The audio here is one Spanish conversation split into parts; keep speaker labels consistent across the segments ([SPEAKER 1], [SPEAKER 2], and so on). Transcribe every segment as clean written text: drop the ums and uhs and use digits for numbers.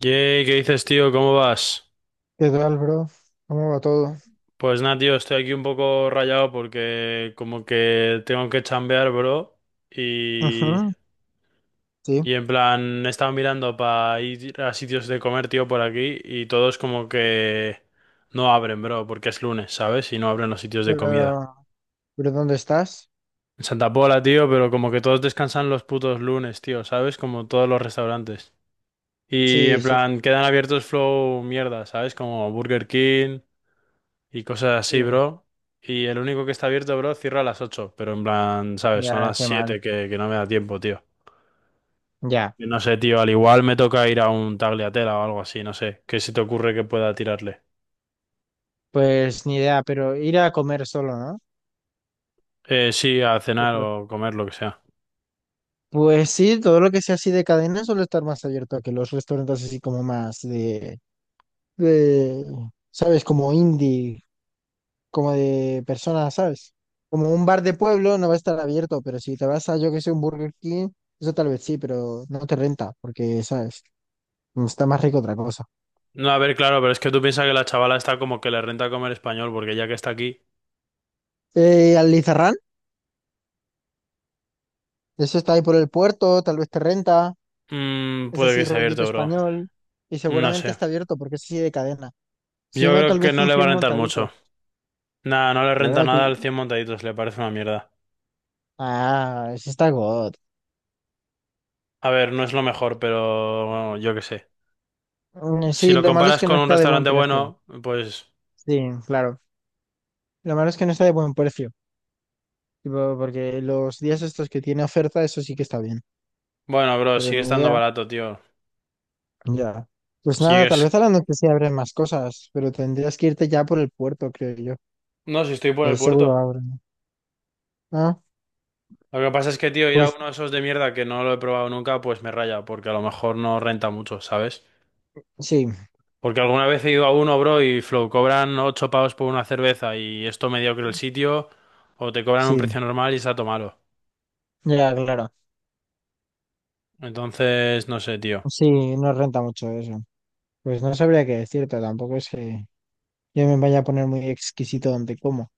[SPEAKER 1] Yay, ¿qué dices, tío? ¿Cómo vas?
[SPEAKER 2] ¿Qué tal, bro? ¿Cómo va todo?
[SPEAKER 1] Pues nada, tío, estoy aquí un poco rayado porque como que tengo que chambear, bro. Y,
[SPEAKER 2] Ujú, sí.
[SPEAKER 1] y en plan, he estado mirando para ir a sitios de comer, tío, por aquí y todos como que no abren, bro, porque es lunes, ¿sabes? Y no abren los sitios de
[SPEAKER 2] Pero,
[SPEAKER 1] comida.
[SPEAKER 2] ¿Pero dónde estás?
[SPEAKER 1] En Santa Pola, tío, pero como que todos descansan los putos lunes, tío, ¿sabes? Como todos los restaurantes. Y
[SPEAKER 2] Sí,
[SPEAKER 1] en
[SPEAKER 2] sí,
[SPEAKER 1] plan, quedan abiertos flow mierda, ¿sabes? Como Burger King. Y cosas así,
[SPEAKER 2] sí.
[SPEAKER 1] bro. Y el único que está abierto, bro, cierra a las 8 pero en plan, ¿sabes? Son
[SPEAKER 2] Ya,
[SPEAKER 1] las
[SPEAKER 2] qué mal.
[SPEAKER 1] 7 que no me da tiempo, tío.
[SPEAKER 2] Ya,
[SPEAKER 1] Y no sé, tío, al igual me toca ir a un tagliatela o algo así, no sé. ¿Qué se te ocurre que pueda tirarle?
[SPEAKER 2] pues ni idea, pero ir a comer solo, ¿no?
[SPEAKER 1] Sí, a cenar
[SPEAKER 2] Tipo,
[SPEAKER 1] o comer, lo que sea.
[SPEAKER 2] pues sí, todo lo que sea así de cadena suele estar más abierto a que los restaurantes así como más de, ¿sabes? Como indie, como de personas, ¿sabes? Como un bar de pueblo no va a estar abierto, pero si te vas a, yo que sé, un Burger King, eso tal vez sí, pero no te renta, porque, ¿sabes? Está más rico otra cosa.
[SPEAKER 1] No, a ver, claro, pero es que tú piensas que la chavala está como que le renta comer español, porque ya que está aquí,
[SPEAKER 2] Alizarrán, eso está ahí por el puerto, tal vez te renta, es
[SPEAKER 1] puede que
[SPEAKER 2] así
[SPEAKER 1] esté
[SPEAKER 2] rollito
[SPEAKER 1] abierto, bro.
[SPEAKER 2] español, y
[SPEAKER 1] No
[SPEAKER 2] seguramente
[SPEAKER 1] sé.
[SPEAKER 2] está abierto porque es así de cadena. Si
[SPEAKER 1] Yo
[SPEAKER 2] no,
[SPEAKER 1] creo
[SPEAKER 2] tal
[SPEAKER 1] que
[SPEAKER 2] vez
[SPEAKER 1] no
[SPEAKER 2] un
[SPEAKER 1] le va a
[SPEAKER 2] 100
[SPEAKER 1] rentar mucho.
[SPEAKER 2] montaditos.
[SPEAKER 1] Nada, no le renta
[SPEAKER 2] Bueno,
[SPEAKER 1] nada
[SPEAKER 2] ti-
[SPEAKER 1] al 100 montaditos, le parece una mierda.
[SPEAKER 2] Ah, ese está God.
[SPEAKER 1] A ver, no es lo mejor, pero bueno, yo qué sé. Si
[SPEAKER 2] Sí,
[SPEAKER 1] lo
[SPEAKER 2] lo malo es
[SPEAKER 1] comparas
[SPEAKER 2] que no
[SPEAKER 1] con un
[SPEAKER 2] está de buen
[SPEAKER 1] restaurante
[SPEAKER 2] precio.
[SPEAKER 1] bueno, pues
[SPEAKER 2] Sí, claro. Lo malo es que no está de buen precio. Tipo, porque los días estos que tiene oferta, eso sí que está bien.
[SPEAKER 1] bueno, bro,
[SPEAKER 2] Pero
[SPEAKER 1] sigue
[SPEAKER 2] ni
[SPEAKER 1] estando
[SPEAKER 2] idea.
[SPEAKER 1] barato, tío.
[SPEAKER 2] Ya. Pues nada, tal
[SPEAKER 1] Sigues.
[SPEAKER 2] vez a la noche sí abren más cosas, pero tendrías que irte ya por el puerto, creo yo.
[SPEAKER 1] No, si estoy por
[SPEAKER 2] Que
[SPEAKER 1] el
[SPEAKER 2] ahí seguro
[SPEAKER 1] puerto.
[SPEAKER 2] abren. Ah,
[SPEAKER 1] Lo que pasa es que, tío, ir a
[SPEAKER 2] pues
[SPEAKER 1] uno de esos de mierda que no lo he probado nunca, pues me raya, porque a lo mejor no renta mucho, ¿sabes?
[SPEAKER 2] sí.
[SPEAKER 1] Porque alguna vez he ido a uno, bro, y flow, cobran 8 pavos por una cerveza y esto mediocre el sitio, o te cobran un
[SPEAKER 2] Sí,
[SPEAKER 1] precio normal y está todo malo.
[SPEAKER 2] ya, claro.
[SPEAKER 1] Entonces, no sé, tío.
[SPEAKER 2] Sí, no renta mucho eso. Pues no sabría qué decirte, tampoco es que yo me vaya a poner muy exquisito donde como.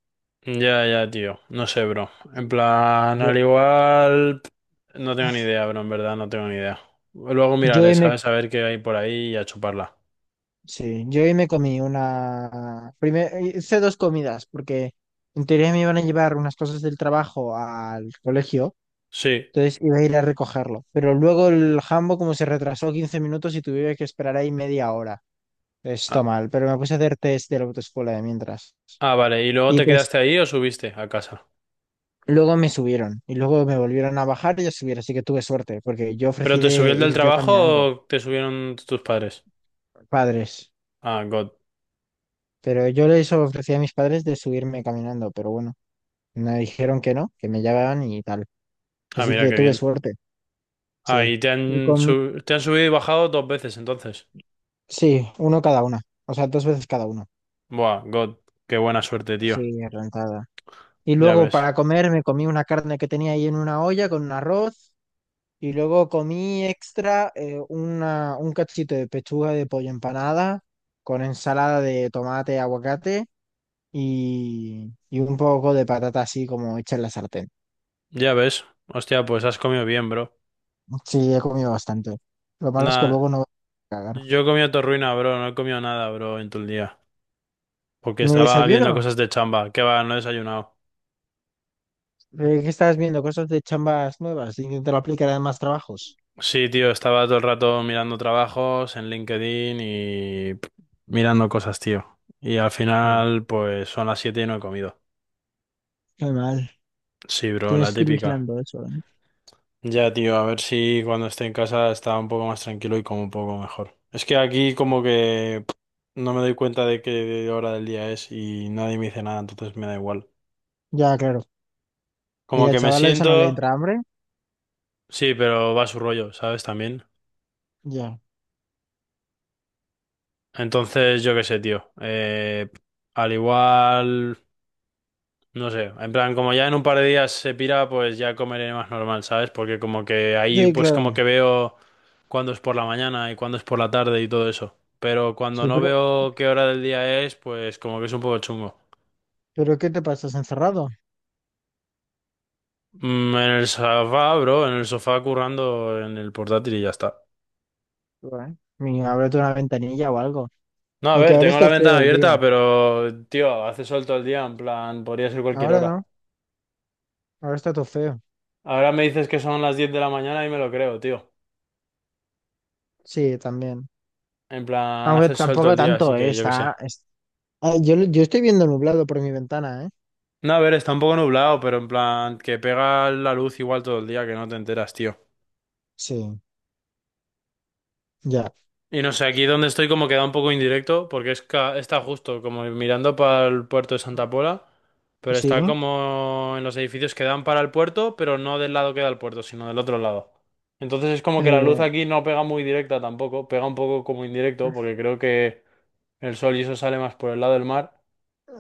[SPEAKER 1] Ya, ya, tío. No sé, bro. En plan,
[SPEAKER 2] Yo,
[SPEAKER 1] al igual... No tengo ni idea, bro. En verdad, no tengo ni idea. Luego
[SPEAKER 2] yo
[SPEAKER 1] miraré,
[SPEAKER 2] hoy me,
[SPEAKER 1] ¿sabes? A ver qué hay por ahí y a chuparla.
[SPEAKER 2] sí, yo hoy me comí una, primer, hice dos comidas, porque en teoría me iban a llevar unas cosas del trabajo al colegio,
[SPEAKER 1] Sí.
[SPEAKER 2] entonces iba a ir a recogerlo. Pero luego el jambo como se retrasó 15 minutos y tuve que esperar ahí media hora. Esto
[SPEAKER 1] Ah,
[SPEAKER 2] mal, pero me puse a hacer test de la autoescuela de mientras.
[SPEAKER 1] ah, vale. ¿Y luego
[SPEAKER 2] Y
[SPEAKER 1] te
[SPEAKER 2] pues
[SPEAKER 1] quedaste ahí o subiste a casa?
[SPEAKER 2] Luego me subieron y luego me volvieron a bajar y a subir, así que tuve suerte, porque yo
[SPEAKER 1] ¿Pero
[SPEAKER 2] ofrecí
[SPEAKER 1] te subió
[SPEAKER 2] de
[SPEAKER 1] el del
[SPEAKER 2] ir yo
[SPEAKER 1] trabajo
[SPEAKER 2] caminando.
[SPEAKER 1] o te subieron tus padres?
[SPEAKER 2] Padres,
[SPEAKER 1] Ah, God.
[SPEAKER 2] pero yo les ofrecí a mis padres de subirme caminando, pero bueno, me dijeron que no, que me llevaban y tal.
[SPEAKER 1] Ah,
[SPEAKER 2] Así
[SPEAKER 1] mira
[SPEAKER 2] que
[SPEAKER 1] qué
[SPEAKER 2] tuve
[SPEAKER 1] bien.
[SPEAKER 2] suerte,
[SPEAKER 1] Ah,
[SPEAKER 2] sí.
[SPEAKER 1] y te
[SPEAKER 2] Y
[SPEAKER 1] han,
[SPEAKER 2] con,
[SPEAKER 1] te han subido y bajado dos veces entonces.
[SPEAKER 2] sí, uno cada una, o sea, dos veces cada uno,
[SPEAKER 1] Buah, God. Qué buena suerte, tío.
[SPEAKER 2] sí, rentada. Y
[SPEAKER 1] Ya
[SPEAKER 2] luego
[SPEAKER 1] ves.
[SPEAKER 2] para comer me comí una carne que tenía ahí en una olla con un arroz. Y luego comí extra un cachito de pechuga de pollo empanada con ensalada de tomate, aguacate y un poco de patata así como hecha en la sartén.
[SPEAKER 1] Ya ves. Hostia, pues has comido bien, bro.
[SPEAKER 2] Sí, he comido bastante. Lo malo es que
[SPEAKER 1] Nada,
[SPEAKER 2] luego no voy a cagar.
[SPEAKER 1] yo he comido torruina, bro. No he comido nada, bro, en todo el día. Porque
[SPEAKER 2] Mi
[SPEAKER 1] estaba viendo
[SPEAKER 2] desayuno.
[SPEAKER 1] cosas de chamba. Que va, no he desayunado.
[SPEAKER 2] ¿Qué estás viendo? Cosas de chambas nuevas. Intentar aplicar a más trabajos.
[SPEAKER 1] Sí, tío, estaba todo el rato mirando trabajos en LinkedIn y pff, mirando cosas, tío. Y al
[SPEAKER 2] Sí.
[SPEAKER 1] final, pues son las 7 y no he comido.
[SPEAKER 2] Qué mal.
[SPEAKER 1] Sí, bro, la
[SPEAKER 2] Tienes que ir
[SPEAKER 1] típica.
[SPEAKER 2] vigilando eso, ¿eh?
[SPEAKER 1] Ya, tío, a ver si cuando esté en casa está un poco más tranquilo y como un poco mejor. Es que aquí como que pff, no me doy cuenta de qué hora del día es y nadie me dice nada, entonces me da igual.
[SPEAKER 2] Ya, claro. Y
[SPEAKER 1] Como
[SPEAKER 2] la
[SPEAKER 1] que me
[SPEAKER 2] ¿a eso no le
[SPEAKER 1] siento...
[SPEAKER 2] entra hambre?
[SPEAKER 1] Sí, pero va a su rollo, ¿sabes? También.
[SPEAKER 2] Ya.
[SPEAKER 1] Entonces, yo qué sé, tío. Al igual, no sé. En plan, como ya en un par de días se pira, pues ya comeré más normal, ¿sabes? Porque como que ahí,
[SPEAKER 2] Sí,
[SPEAKER 1] pues
[SPEAKER 2] claro.
[SPEAKER 1] como que veo cuándo es por la mañana y cuándo es por la tarde y todo eso. Pero cuando
[SPEAKER 2] Sí,
[SPEAKER 1] no
[SPEAKER 2] pero,
[SPEAKER 1] veo qué hora del día es, pues como que es un poco chungo.
[SPEAKER 2] ¿pero qué te pasas encerrado?
[SPEAKER 1] En el sofá, bro, en el sofá currando en el portátil y ya está.
[SPEAKER 2] Bueno, ni ábrete una ventanilla o algo.
[SPEAKER 1] No, a
[SPEAKER 2] Aunque
[SPEAKER 1] ver,
[SPEAKER 2] ahora
[SPEAKER 1] tengo la
[SPEAKER 2] esté
[SPEAKER 1] ventana
[SPEAKER 2] feo el día.
[SPEAKER 1] abierta, pero, tío, hace sol todo el día, en plan, podría ser cualquier
[SPEAKER 2] Ahora
[SPEAKER 1] hora.
[SPEAKER 2] no, ahora está todo feo.
[SPEAKER 1] Ahora me dices que son las 10 de la mañana y me lo creo, tío.
[SPEAKER 2] Sí, también.
[SPEAKER 1] En plan,
[SPEAKER 2] Aunque
[SPEAKER 1] hace sol todo
[SPEAKER 2] tampoco
[SPEAKER 1] el día, así
[SPEAKER 2] tanto,
[SPEAKER 1] que yo qué sé.
[SPEAKER 2] Ah, yo estoy viendo nublado por mi ventana, ¿eh?
[SPEAKER 1] No, a ver, está un poco nublado, pero en plan, que pega la luz igual todo el día, que no te enteras, tío.
[SPEAKER 2] Sí, ya.
[SPEAKER 1] Y no sé, aquí donde estoy como queda un poco indirecto, porque está justo como mirando para el puerto de Santa Pola, pero
[SPEAKER 2] Sí.
[SPEAKER 1] está como en los edificios que dan para el puerto, pero no del lado que da el puerto, sino del otro lado. Entonces es como que la luz
[SPEAKER 2] Eh,
[SPEAKER 1] aquí no pega muy directa tampoco, pega un poco como indirecto, porque creo que el sol y eso sale más por el lado del mar.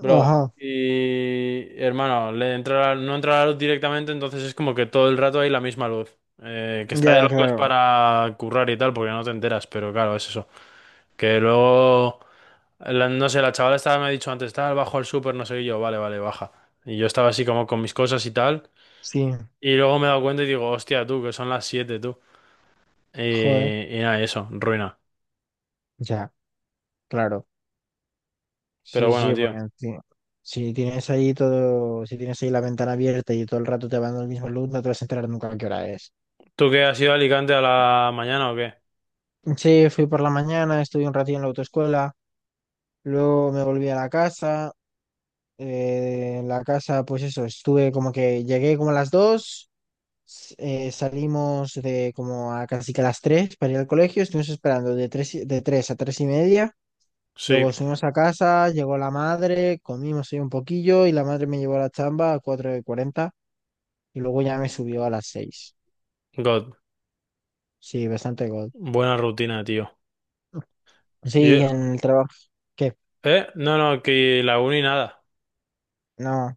[SPEAKER 1] Bro,
[SPEAKER 2] ajá,
[SPEAKER 1] y hermano, no entra la luz directamente, entonces es como que todo el rato hay la misma luz. Que está de
[SPEAKER 2] ya,
[SPEAKER 1] locos
[SPEAKER 2] claro.
[SPEAKER 1] para currar y tal, porque no te enteras, pero claro, es eso. Que luego, no sé, la chavala estaba, me ha dicho antes, tal, bajo al súper, no sé, qué", y yo, vale, vale, baja. Y yo estaba así como con mis cosas y tal.
[SPEAKER 2] Sí,
[SPEAKER 1] Y luego me he dado cuenta y digo, hostia, tú, que son las 7 tú. Y,
[SPEAKER 2] joder.
[SPEAKER 1] y nada, y eso, ruina.
[SPEAKER 2] Ya, claro.
[SPEAKER 1] Pero
[SPEAKER 2] Sí,
[SPEAKER 1] bueno,
[SPEAKER 2] sí, porque
[SPEAKER 1] tío.
[SPEAKER 2] en- si tienes ahí todo, si tienes ahí la ventana abierta y todo el rato te va dando el mismo luz, no te vas a enterar nunca a qué hora es.
[SPEAKER 1] ¿Tú qué has ido a Alicante a la mañana o qué?
[SPEAKER 2] Sí, fui por la mañana, estuve un ratito en la autoescuela. Luego me volví a la casa. En la casa, pues eso, estuve como que llegué como a las dos, salimos de como a casi que a las 3 para ir al colegio, estuvimos esperando de de 3 a 3 y media.
[SPEAKER 1] Sí,
[SPEAKER 2] Luego subimos a casa, llegó la madre, comimos ahí un poquillo y la madre me llevó a la chamba a 4 de 40 y luego ya me subió a las seis.
[SPEAKER 1] God,
[SPEAKER 2] Sí, bastante gol.
[SPEAKER 1] buena rutina, tío.
[SPEAKER 2] Sí, y
[SPEAKER 1] Y-
[SPEAKER 2] en el trabajo. ¿Qué?
[SPEAKER 1] ¿Eh? No, no, que la uni nada.
[SPEAKER 2] No.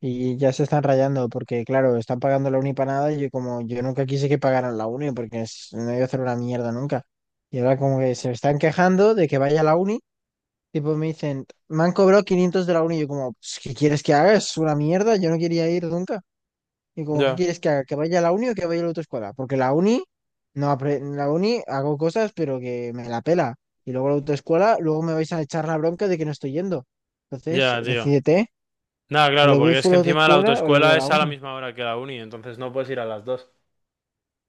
[SPEAKER 2] Y ya se están rayando porque, claro, están pagando la uni para nada y yo como yo nunca quise que pagaran la uni no iba a hacer una mierda nunca. Y ahora como que se están quejando de que vaya a la uni, tipo me dicen, me han cobrado 500 de la uni y yo como, "Pues, ¿qué quieres que haga? Es una mierda, yo no quería ir nunca. Y como, ¿qué
[SPEAKER 1] Ya,
[SPEAKER 2] quieres que haga? ¿Que vaya a la uni o que vaya a la otra escuela? Porque la uni, no apre- la uni hago cosas pero que me la pela. Y luego la autoescuela, luego me vais a echar la bronca de que no estoy yendo. Entonces,
[SPEAKER 1] ya, tío.
[SPEAKER 2] decídete,
[SPEAKER 1] Nada,
[SPEAKER 2] o
[SPEAKER 1] claro,
[SPEAKER 2] le voy
[SPEAKER 1] porque es
[SPEAKER 2] full
[SPEAKER 1] que
[SPEAKER 2] a la
[SPEAKER 1] encima la
[SPEAKER 2] autoescuela o le voy a
[SPEAKER 1] autoescuela
[SPEAKER 2] la
[SPEAKER 1] es a la
[SPEAKER 2] uni.
[SPEAKER 1] misma hora que la uni, entonces no puedes ir a las dos.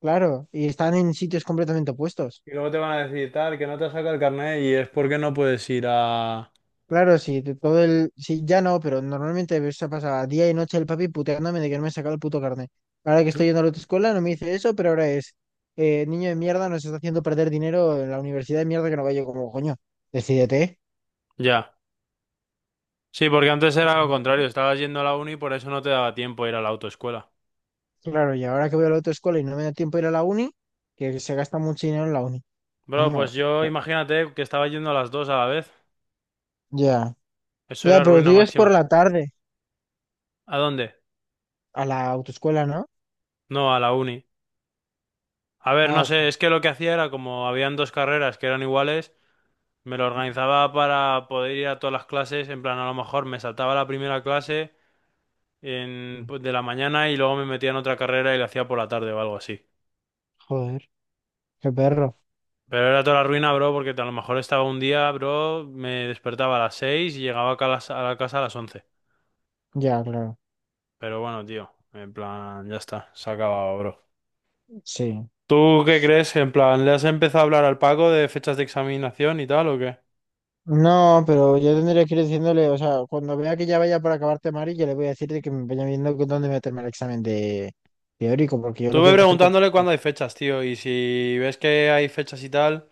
[SPEAKER 2] Claro, y están en sitios completamente opuestos.
[SPEAKER 1] Y luego te van a decir tal, que no te saca el carnet y es porque no puedes ir a...
[SPEAKER 2] Claro, sí, de todo el... Sí, ya no, pero normalmente se pasaba día y noche el papi puteándome de que no me sacaba el puto carnet. Ahora que estoy yendo a la autoescuela no me dice eso, pero ahora es... niño de mierda nos está haciendo perder dinero en la universidad de mierda que no vaya como coño. Decídete.
[SPEAKER 1] Ya. Sí, porque antes era lo contrario, estabas yendo a la uni y por eso no te daba tiempo a ir a la autoescuela.
[SPEAKER 2] Claro, y ahora que voy a la autoescuela y no me da tiempo de ir a la uni, que se gasta mucho dinero en la uni.
[SPEAKER 1] Bro, pues
[SPEAKER 2] Coño,
[SPEAKER 1] yo imagínate que estaba yendo a las dos a la vez.
[SPEAKER 2] ya.
[SPEAKER 1] Eso
[SPEAKER 2] Ya,
[SPEAKER 1] era
[SPEAKER 2] pero tú
[SPEAKER 1] ruina
[SPEAKER 2] ibas
[SPEAKER 1] máxima.
[SPEAKER 2] por la tarde
[SPEAKER 1] ¿A dónde?
[SPEAKER 2] a la autoescuela, ¿no?
[SPEAKER 1] No, a la uni. A ver, no
[SPEAKER 2] Ah, sí,
[SPEAKER 1] sé, es que lo que hacía era como habían dos carreras que eran iguales. Me lo organizaba para poder ir a todas las clases, en plan, a lo mejor me saltaba la primera clase en,
[SPEAKER 2] sí.
[SPEAKER 1] pues, de la mañana y luego me metía en otra carrera y la hacía por la tarde o algo así.
[SPEAKER 2] Joder, qué perro.
[SPEAKER 1] Pero era toda la ruina, bro, porque a lo mejor estaba un día, bro, me despertaba a las 6 y llegaba acá a la casa a las 11.
[SPEAKER 2] Ya, claro.
[SPEAKER 1] Pero bueno, tío, en plan, ya está, se ha acabado, bro.
[SPEAKER 2] Sí.
[SPEAKER 1] ¿Tú qué crees? En plan, ¿le has empezado a hablar al Paco de fechas de examinación y tal o qué?
[SPEAKER 2] No, pero yo tendría que ir diciéndole, o sea, cuando vea que ya vaya por acabarte, Mari, yo le voy a decir de que me vaya viendo con dónde meterme el examen de teórico, porque yo lo
[SPEAKER 1] Estuve
[SPEAKER 2] quiero hacer cuanto
[SPEAKER 1] preguntándole cuándo
[SPEAKER 2] antes.
[SPEAKER 1] hay fechas, tío, y si ves que hay fechas y tal...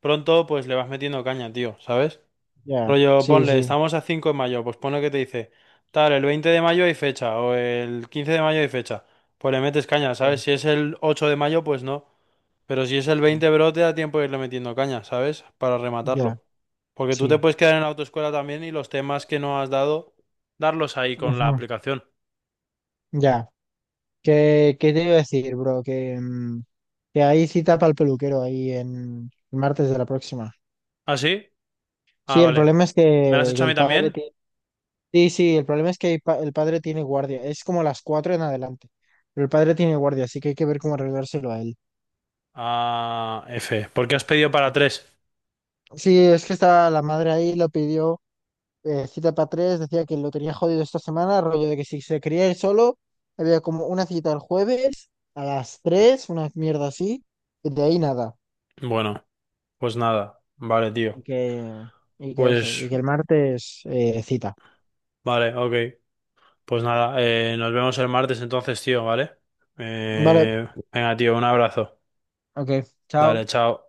[SPEAKER 1] Pronto pues le vas metiendo caña, tío, ¿sabes?
[SPEAKER 2] Ya,
[SPEAKER 1] Rollo,
[SPEAKER 2] sí,
[SPEAKER 1] ponle,
[SPEAKER 2] sí,
[SPEAKER 1] estamos a 5 de mayo, pues ponle que te dice, tal, el 20 de mayo hay fecha, o el 15 de mayo hay fecha, pues le metes caña, ¿sabes?
[SPEAKER 2] sí,
[SPEAKER 1] Si es el 8 de mayo, pues no, pero si es el
[SPEAKER 2] sí,
[SPEAKER 1] 20 bro, te da tiempo de irle metiendo caña, ¿sabes? Para
[SPEAKER 2] ya,
[SPEAKER 1] rematarlo. Porque tú te
[SPEAKER 2] sí.
[SPEAKER 1] puedes quedar en la autoescuela también y los temas que no has dado, darlos ahí con la
[SPEAKER 2] Ujú,
[SPEAKER 1] aplicación.
[SPEAKER 2] ya. Qué te iba a decir, bro? Que, que hay cita para el peluquero ahí en el martes de la próxima.
[SPEAKER 1] ¿Ah, sí? Ah,
[SPEAKER 2] Sí, el
[SPEAKER 1] vale.
[SPEAKER 2] problema es
[SPEAKER 1] ¿Me lo has hecho
[SPEAKER 2] que
[SPEAKER 1] a mí
[SPEAKER 2] el padre
[SPEAKER 1] también?
[SPEAKER 2] tiene. Sí, sí, el problema es que el padre tiene guardia, es como las cuatro en adelante, pero el padre tiene guardia, así que hay que ver cómo arreglárselo a él.
[SPEAKER 1] Ah, F. ¿Por qué has pedido para tres?
[SPEAKER 2] Sí, es que estaba la madre ahí, lo pidió cita para tres, decía que lo tenía jodido esta semana, rollo de que si se quería ir solo, había como una cita el jueves a las tres, una mierda así, y de ahí nada.
[SPEAKER 1] Bueno, pues nada. Vale,
[SPEAKER 2] Y
[SPEAKER 1] tío.
[SPEAKER 2] que, y que eso,
[SPEAKER 1] Pues,
[SPEAKER 2] y que el martes cita.
[SPEAKER 1] vale, ok. Pues nada, nos vemos el martes entonces, tío, ¿vale?
[SPEAKER 2] Vale,
[SPEAKER 1] Venga, tío, un abrazo.
[SPEAKER 2] ok, chao.
[SPEAKER 1] Dale, chao.